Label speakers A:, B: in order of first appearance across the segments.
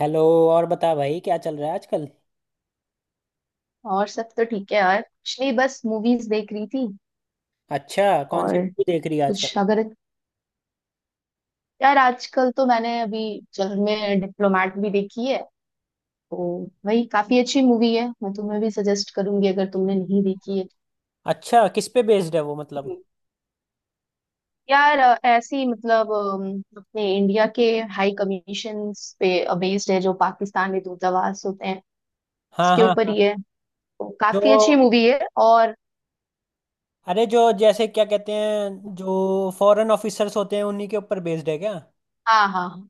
A: Hello. और बता भाई, क्या चल रहा है आजकल?
B: और सब तो ठीक है यार, कुछ नहीं बस मूवीज देख रही थी।
A: अच्छा। कौन सी
B: और
A: मूवी देख रही है
B: कुछ
A: आजकल?
B: अगर यार, आजकल तो मैंने अभी जल में डिप्लोमेट भी देखी है, तो वही काफी अच्छी मूवी है। मैं तुम्हें भी सजेस्ट करूंगी अगर तुमने नहीं देखी है
A: अच्छा, किस पे बेस्ड है वो मतलब?
B: तो। यार ऐसी मतलब अपने इंडिया के हाई कमीशन पे बेस्ड है, जो पाकिस्तान में दूतावास होते हैं
A: हाँ
B: उसके
A: हाँ
B: ऊपर
A: हाँ।
B: ही है। तो
A: जो
B: काफी अच्छी मूवी है और
A: जो जैसे क्या कहते हैं, जो फॉरेन ऑफिसर्स होते हैं उन्हीं के ऊपर बेस्ड है क्या?
B: हाँ हाँ हाँ।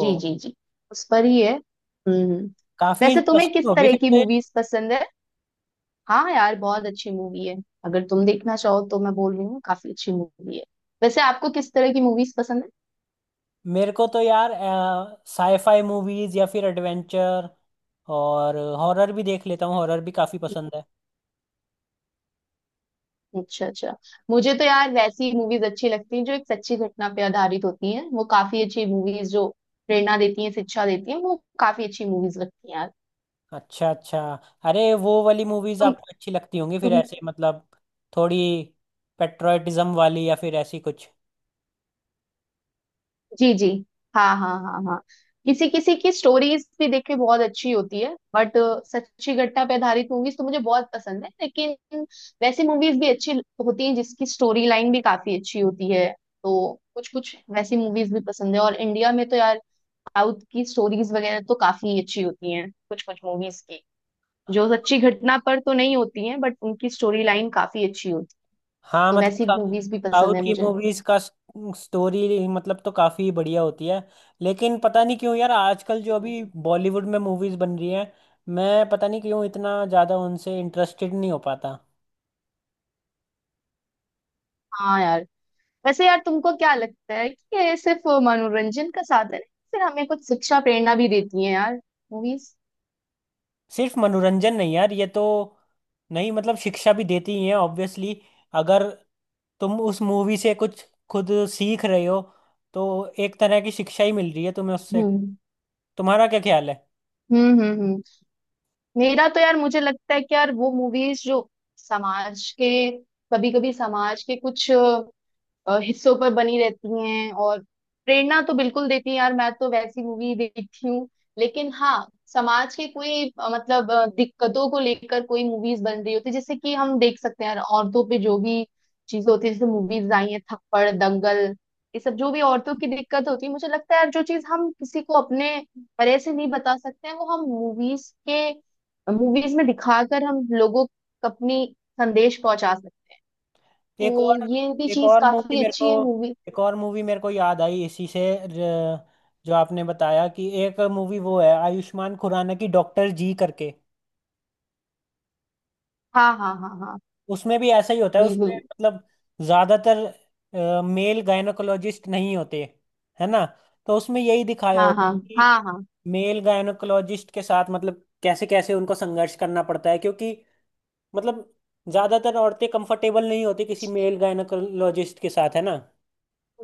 B: जी जी जी, उस पर ही है।
A: काफी
B: वैसे तुम्हें
A: इंटरेस्टिंग
B: किस
A: होगी
B: तरह
A: फिर
B: की
A: तो ये।
B: मूवीज पसंद है? हाँ यार, बहुत अच्छी मूवी है, अगर तुम देखना चाहो तो। मैं बोल रही हूँ काफी अच्छी मूवी है। वैसे आपको किस तरह की मूवीज पसंद है?
A: मेरे को तो यार साईफाई मूवीज या फिर एडवेंचर। और हॉरर भी देख लेता हूँ, हॉरर भी काफी पसंद है।
B: अच्छा अच्छा। मुझे तो यार वैसी मूवीज अच्छी लगती हैं जो एक सच्ची घटना पे आधारित होती हैं। वो काफी अच्छी मूवीज, जो प्रेरणा देती हैं, शिक्षा देती हैं, वो काफी अच्छी मूवीज लगती हैं यार।
A: अच्छा अच्छा। अरे, वो वाली मूवीज
B: तुम
A: आपको अच्छी लगती होंगी फिर
B: तुम
A: ऐसे मतलब, थोड़ी पेट्रोटिज्म वाली या फिर ऐसी कुछ।
B: जी जी, हाँ हाँ हाँ हाँ। किसी किसी की स्टोरीज भी देखिए, बहुत अच्छी होती है, बट सच्ची घटना पे आधारित मूवीज तो मुझे बहुत पसंद है। लेकिन वैसी मूवीज भी अच्छी होती हैं जिसकी स्टोरी लाइन भी काफी अच्छी होती है, तो कुछ कुछ वैसी मूवीज भी पसंद है। और इंडिया में तो यार साउथ की स्टोरीज वगैरह तो काफी अच्छी होती हैं, कुछ कुछ मूवीज की जो सच्ची घटना पर तो नहीं होती हैं बट उनकी स्टोरी लाइन काफी अच्छी होती है,
A: हाँ
B: तो वैसी
A: मतलब।
B: मूवीज भी पसंद
A: साउथ
B: है
A: की
B: मुझे।
A: मूवीज का स्टोरी मतलब तो काफी बढ़िया होती है। लेकिन पता नहीं क्यों यार, आजकल जो अभी बॉलीवुड में मूवीज बन रही हैं, मैं पता नहीं क्यों इतना ज्यादा उनसे इंटरेस्टेड नहीं हो पाता।
B: हाँ यार। वैसे यार, तुमको क्या लगता है कि ये सिर्फ मनोरंजन का साधन है, फिर हमें कुछ शिक्षा प्रेरणा भी देती है यार मूवीज?
A: सिर्फ मनोरंजन नहीं यार, ये तो, नहीं मतलब, शिक्षा भी देती ही है ऑब्वियसली। अगर तुम उस मूवी से कुछ खुद सीख रहे हो तो एक तरह की शिक्षा ही मिल रही है तुम्हें उससे।
B: हम्म
A: तुम्हारा क्या ख्याल है?
B: हम्म हम्म हम्म। मेरा तो यार, मुझे लगता है कि यार वो मूवीज जो समाज के, कभी कभी समाज के कुछ हिस्सों पर बनी रहती हैं, और प्रेरणा तो बिल्कुल देती हैं यार, मैं तो वैसी मूवी देखती हूँ। लेकिन हाँ, समाज के कोई मतलब दिक्कतों को लेकर कोई मूवीज बन रही होती है, जैसे कि हम देख सकते हैं यार, औरतों पे जो भी चीजें होती है, जैसे मूवीज आई हैं थप्पड़, दंगल, ये सब। जो भी औरतों की दिक्कत होती है, मुझे लगता है यार जो चीज हम किसी को अपने तरह से नहीं बता सकते हैं, वो हम मूवीज में दिखाकर हम लोगों को अपनी संदेश पहुंचा सकते हैं। तो
A: एक और
B: ये भी
A: एक
B: चीज
A: और मूवी
B: काफी
A: मेरे को
B: अच्छी है मूवी।
A: एक और मूवी मेरे को याद आई इसी से। र- जो आपने बताया कि एक मूवी वो है आयुष्मान खुराना की, डॉक्टर जी करके।
B: हाँ हाँ हाँ हाँ
A: उसमें भी ऐसा ही होता है उसमें
B: बिल्कुल।
A: मतलब, ज्यादातर मेल गायनोकोलॉजिस्ट नहीं होते, है ना? तो उसमें यही दिखाया
B: हाँ
A: होता
B: हाँ
A: है कि
B: हाँ हाँ।
A: मेल गायनोकोलॉजिस्ट के साथ मतलब कैसे कैसे उनको संघर्ष करना पड़ता है, क्योंकि मतलब, ज्यादातर औरतें कंफर्टेबल नहीं होती किसी मेल गायनोकोलॉजिस्ट के साथ, है ना?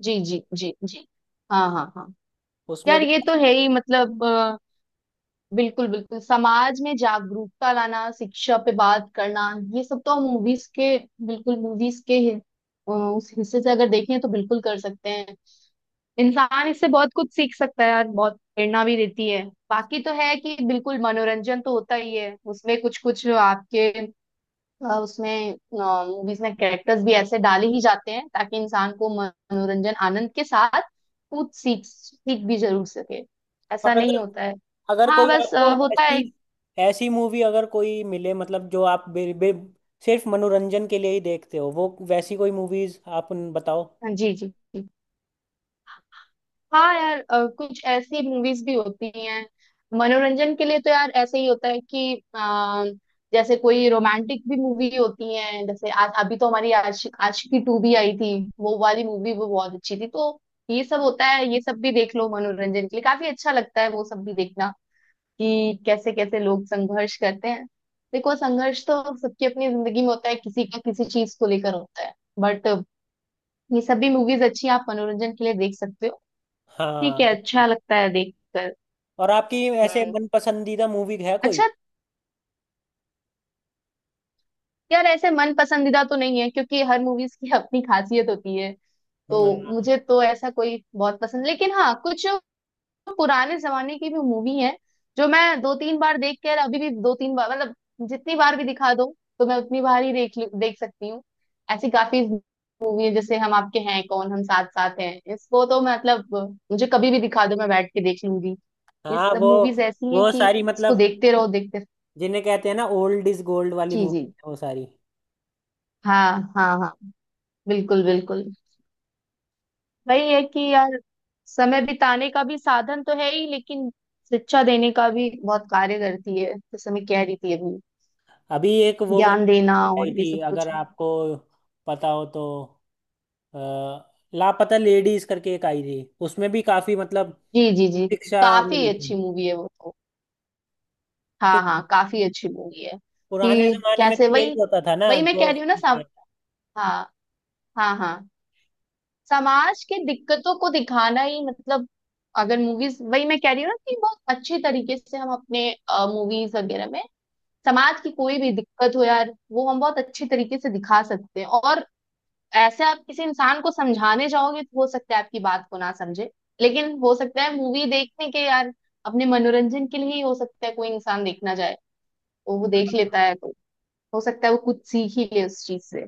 B: जी जी जी जी। हाँ हाँ हाँ।
A: उसमें
B: यार
A: भी।
B: ये तो है ही, मतलब बिल्कुल बिल्कुल समाज में जागरूकता लाना, शिक्षा पे बात करना, ये सब तो हम मूवीज के, बिल्कुल मूवीज के उस हिस्से से अगर देखें तो बिल्कुल कर सकते हैं। इंसान इससे बहुत कुछ सीख सकता है यार, बहुत प्रेरणा भी देती है। बाकी तो है कि बिल्कुल मनोरंजन तो होता ही है उसमें, कुछ कुछ आपके उसमें मूवीज में कैरेक्टर्स भी ऐसे डाले ही जाते हैं, ताकि इंसान को मनोरंजन आनंद के साथ कुछ सीख सीख भी जरूर सके। ऐसा
A: और अगर,
B: नहीं होता है? हाँ
A: कोई
B: बस
A: आपको
B: होता
A: ऐसी,
B: है।
A: मूवी अगर कोई मिले मतलब, जो आप बे, बे, सिर्फ मनोरंजन के लिए ही देखते हो, वो वैसी कोई मूवीज आप बताओ।
B: हाँ, जी जी। हाँ यार, कुछ ऐसी मूवीज भी होती हैं मनोरंजन के लिए, तो यार ऐसे ही होता है कि जैसे कोई रोमांटिक भी मूवी होती है, जैसे आज अभी तो हमारी आशिकी टू भी आई थी। वो वाली मूवी वो बहुत अच्छी थी, तो ये सब होता है। ये सब भी देख लो, मनोरंजन के लिए काफी अच्छा लगता है वो सब भी देखना कि कैसे कैसे लोग संघर्ष करते हैं। देखो, संघर्ष तो सबकी अपनी जिंदगी में होता है, किसी का किसी चीज को लेकर होता है। बट ये सब भी मूवीज अच्छी हैं, आप मनोरंजन के लिए देख सकते हो। ठीक है,
A: हाँ।
B: अच्छा लगता है देखकर।
A: और आपकी ऐसे
B: हम्म।
A: मन पसंदीदा मूवी है कोई?
B: अच्छा। यार ऐसे मन पसंदीदा तो नहीं है क्योंकि हर मूवीज की अपनी खासियत होती है, तो
A: हाँ
B: मुझे तो ऐसा कोई बहुत पसंद। लेकिन हाँ, कुछ पुराने जमाने की भी मूवी है जो मैं दो तीन बार देख कर, अभी भी दो तीन बार मतलब, जितनी बार भी दिखा दो तो मैं उतनी बार ही देख सकती हूँ। ऐसी काफी मूवी है जैसे हम आपके हैं कौन, हम साथ साथ हैं, इसको तो मतलब मुझे कभी भी दिखा दो मैं बैठ के देख लूंगी। ये
A: हाँ,
B: सब
A: वो
B: मूवीज ऐसी हैं
A: वो
B: कि
A: सारी
B: इसको
A: मतलब,
B: देखते रहो देखते।
A: जिन्हें कहते हैं ना ओल्ड इज गोल्ड वाली
B: जी जी,
A: मूवी है वो सारी।
B: हाँ हाँ हाँ, बिल्कुल बिल्कुल। वही है कि यार, समय बिताने का भी साधन तो है ही, लेकिन शिक्षा देने का भी बहुत कार्य करती है, जैसे मैं कह रही थी अभी,
A: अभी एक वो
B: ज्ञान
A: वाली
B: देना और
A: आई
B: ये
A: थी,
B: सब
A: अगर
B: कुछ भी।
A: आपको पता हो तो, अ, लापता लेडीज करके एक आई थी। उसमें भी काफी मतलब
B: जी जी जी,
A: शिक्षा
B: काफी
A: मिली थी।
B: अच्छी मूवी है वो तो। हाँ
A: क्योंकि
B: हाँ, काफी अच्छी मूवी है।
A: पुराने
B: कि
A: जमाने में तो
B: कैसे,
A: यही
B: वही
A: होता था ना।
B: वही मैं
A: तो,
B: कह रही हूँ ना, सम हाँ हाँ हाँ। समाज के दिक्कतों को दिखाना ही, मतलब अगर मूवीज, वही मैं कह रही हूँ ना कि बहुत अच्छे तरीके से हम अपने मूवीज वगैरह में, समाज की कोई भी दिक्कत हो यार, वो हम बहुत अच्छी तरीके से दिखा सकते हैं। और ऐसे आप किसी इंसान को समझाने जाओगे तो हो सकता है आपकी बात को ना समझे, लेकिन हो सकता है मूवी देखने के यार, अपने मनोरंजन के लिए ही हो सकता है कोई इंसान देखना जाए, तो वो देख लेता है, तो हो सकता है वो कुछ सीख ही ले उस चीज से।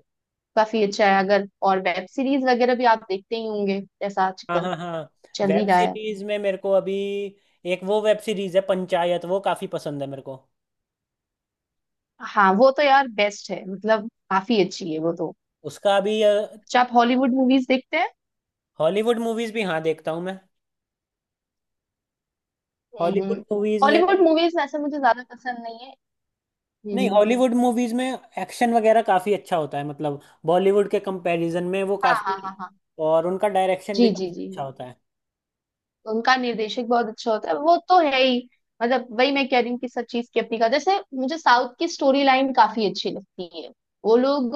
B: काफी अच्छा है अगर। और वेब सीरीज वगैरह भी आप देखते ही होंगे जैसा
A: हाँ
B: आजकल
A: हाँ हाँ।
B: चल ही
A: वेब
B: रहा है।
A: सीरीज में मेरे को अभी एक वो वेब सीरीज है पंचायत, वो काफी पसंद है मेरे को।
B: हाँ वो तो यार बेस्ट है, मतलब काफी अच्छी है वो तो।
A: उसका अभी,
B: अच्छा, आप हॉलीवुड मूवीज देखते हैं?
A: हॉलीवुड मूवीज भी हाँ देखता हूँ मैं।
B: हम्म।
A: हॉलीवुड मूवीज में,
B: हॉलीवुड मूवीज वैसे मुझे ज्यादा पसंद नहीं है।
A: नहीं,
B: हम्म।
A: हॉलीवुड मूवीज में एक्शन वगैरह काफी अच्छा होता है मतलब, बॉलीवुड के कंपैरिजन में वो
B: हाँ हाँ हाँ
A: काफी।
B: हाँ।
A: और उनका डायरेक्शन भी
B: जी जी
A: काफी
B: जी
A: अच्छा
B: जी।
A: होता है।
B: उनका निर्देशक बहुत अच्छा होता है, वो तो है ही। मतलब वही मैं कह रही हूँ कि सब चीज की अपनी का, जैसे मुझे साउथ की स्टोरी लाइन काफी अच्छी लगती है। वो लोग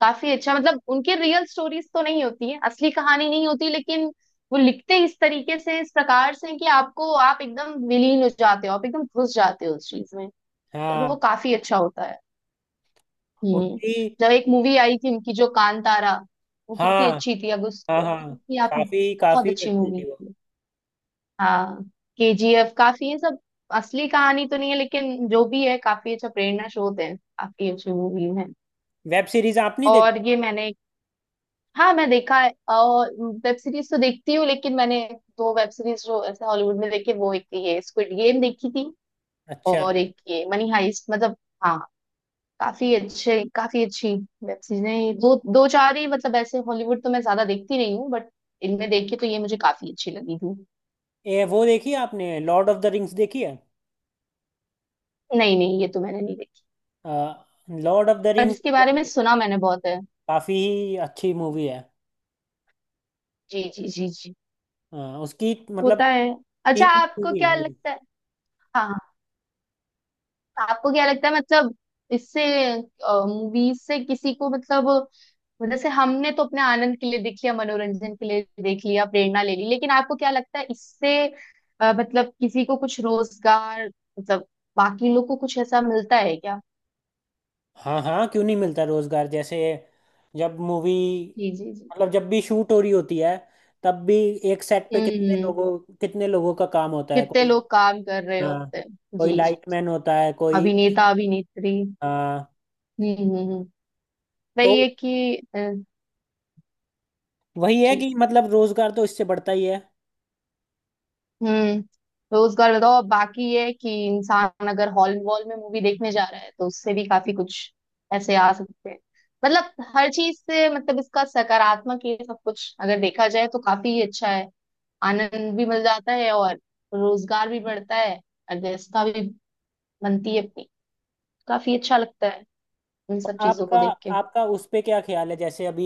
B: काफी अच्छा, मतलब उनके रियल स्टोरीज तो नहीं होती है, असली कहानी नहीं होती, लेकिन वो लिखते इस तरीके से, इस प्रकार से कि आपको, आप एकदम विलीन हो जाते हो, आप एकदम घुस जाते हो उस चीज में, तो वो
A: हाँ।
B: काफी अच्छा होता है। हम्म।
A: उनकी,
B: जब एक मूवी आई थी उनकी जो कांतारा, वो कितनी
A: हाँ
B: अच्छी थी। अब
A: हाँ,
B: उसको
A: हाँ
B: देखी थी आपने?
A: काफी
B: बहुत
A: काफी
B: अच्छी
A: अच्छी
B: मूवी
A: थी वो।
B: थी। हाँ। केजीएफ काफी है सब, असली कहानी तो नहीं है, लेकिन जो भी है काफी अच्छा प्रेरणा स्रोत है, काफी अच्छी मूवी है।
A: वेब सीरीज आप नहीं देखी?
B: और ये मैंने, हाँ मैं देखा है। और वेब सीरीज तो देखती हूँ, लेकिन मैंने दो वेब सीरीज जो ऐसे हॉलीवुड में देखे, वो एक ये स्क्विड गेम देखी थी
A: अच्छा।
B: और एक ये मनी हाइस्ट, मतलब। हाँ, काफी अच्छी वेब सीरीज है। दो दो चार ही मतलब, ऐसे हॉलीवुड तो मैं ज्यादा देखती नहीं हूँ बट इनमें देख के तो ये मुझे काफी अच्छी लगी थी।
A: ये वो देखी है आपने, लॉर्ड ऑफ द रिंग्स देखी है?
B: नहीं नहीं, ये तो मैंने नहीं देखी,
A: लॉर्ड ऑफ द
B: पर इसके बारे में
A: रिंग्स,
B: सुना मैंने बहुत है।
A: काफी अच्छी मूवी है।
B: जी जी जी जी।
A: अ, उसकी मतलब
B: होता है। अच्छा,
A: तीन
B: आपको क्या
A: मूवी।
B: लगता है? हाँ, आपको क्या लगता है मतलब, इससे मूवीज से किसी को मतलब, वो जैसे हमने तो अपने आनंद के लिए देख लिया, मनोरंजन के लिए देख लिया, प्रेरणा ले ली, लेकिन आपको क्या लगता है इससे मतलब किसी को कुछ रोजगार, मतलब बाकी लोग को कुछ ऐसा मिलता है क्या?
A: हाँ हाँ, क्यों नहीं मिलता रोजगार? जैसे जब मूवी
B: जी जी जी।
A: मतलब जब भी शूट हो रही होती है, तब भी एक सेट पे
B: हम्म।
A: कितने लोगों का काम होता है,
B: कितने
A: कोई,
B: लोग काम कर रहे
A: हाँ,
B: होते हैं।
A: कोई
B: जी जी।
A: लाइटमैन होता है कोई,
B: अभिनेता अभिनेत्री।
A: हाँ।
B: हम्म हम्म हम्म।
A: तो
B: वही है कि
A: वही है
B: जी।
A: कि मतलब रोजगार तो इससे बढ़ता ही है।
B: हम्म। रोजगार बताओ, अब बाकी ये है कि इंसान अगर हॉल वॉल में मूवी देखने जा रहा है, तो उससे भी काफी कुछ ऐसे आ सकते हैं, मतलब हर चीज से, मतलब इसका सकारात्मक ये सब कुछ अगर देखा जाए तो काफी अच्छा है। आनंद भी मिल जाता है, और रोजगार भी बढ़ता है, और व्यवस्था भी बनती है अपनी, काफी अच्छा लगता है इन
A: और
B: सब चीजों
A: आपका,
B: को देख के।
A: उस पे क्या ख्याल है? जैसे अभी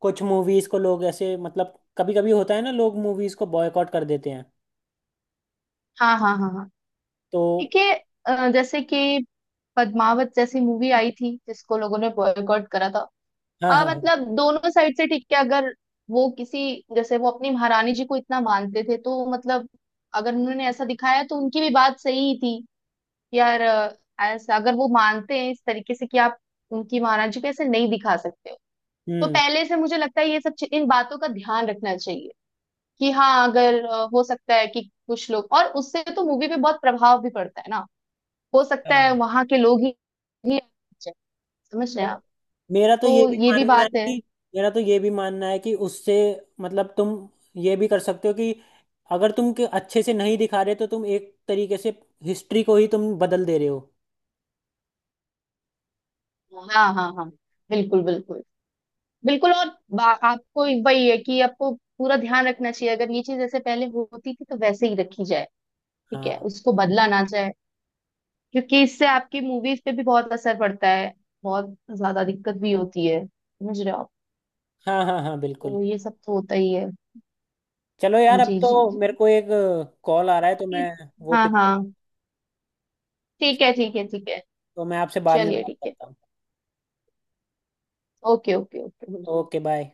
A: कुछ मूवीज को लोग ऐसे मतलब, कभी कभी होता है ना, लोग मूवीज को बॉयकॉट कर देते हैं।
B: हाँ हाँ हाँ हाँ।
A: तो,
B: ठीक है, जैसे कि पद्मावत जैसी मूवी आई थी जिसको लोगों ने बॉयकॉट करा था।
A: हाँ हाँ हाँ,
B: मतलब दोनों साइड से ठीक है। अगर वो किसी, जैसे वो अपनी महारानी जी को इतना मानते थे तो मतलब, अगर उन्होंने ऐसा दिखाया तो उनकी भी बात सही ही थी कि यार ऐसा अगर वो मानते हैं, इस तरीके से कि आप उनकी महारानी जी को ऐसे नहीं दिखा सकते हो, तो
A: हम्म,
B: पहले से मुझे लगता है ये सब इन बातों का ध्यान रखना चाहिए। कि हाँ अगर हो सकता है कि कुछ लोग, और उससे तो मूवी पे बहुत प्रभाव भी पड़ता है ना, हो सकता है
A: हाँ।
B: वहां के लोग ही समझ रहे हैं आप।
A: मेरा तो ये
B: तो
A: भी
B: ये भी
A: मानना है
B: बात है।
A: कि मेरा तो ये भी मानना है कि उससे, मतलब तुम ये भी कर सकते हो कि अगर तुम के अच्छे से नहीं दिखा रहे तो तुम एक तरीके से हिस्ट्री को ही तुम बदल दे रहे हो।
B: हाँ हाँ हाँ, बिल्कुल बिल्कुल बिल्कुल। और आपको, एक वही है कि आपको पूरा ध्यान रखना चाहिए, अगर ये चीज ऐसे पहले होती थी तो वैसे ही रखी जाए, ठीक है,
A: हाँ
B: उसको बदला ना जाए, क्योंकि इससे आपकी मूवीज पे भी बहुत असर पड़ता है, बहुत ज्यादा दिक्कत भी होती है। समझ रहे हो आप?
A: हाँ हाँ हाँ बिल्कुल।
B: तो ये सब तो होता ही है।
A: चलो यार, अब
B: जी
A: तो
B: जी जी।
A: मेरे को एक कॉल आ रहा है तो मैं
B: ठीक-
A: वो
B: हाँ हाँ,
A: पिक
B: ठीक है ठीक है ठीक है।
A: तो मैं आपसे बाद में
B: चलिए
A: बात
B: ठीक है।
A: करता हूँ।
B: ओके ओके ओके बिल्कुल।
A: Okay bye.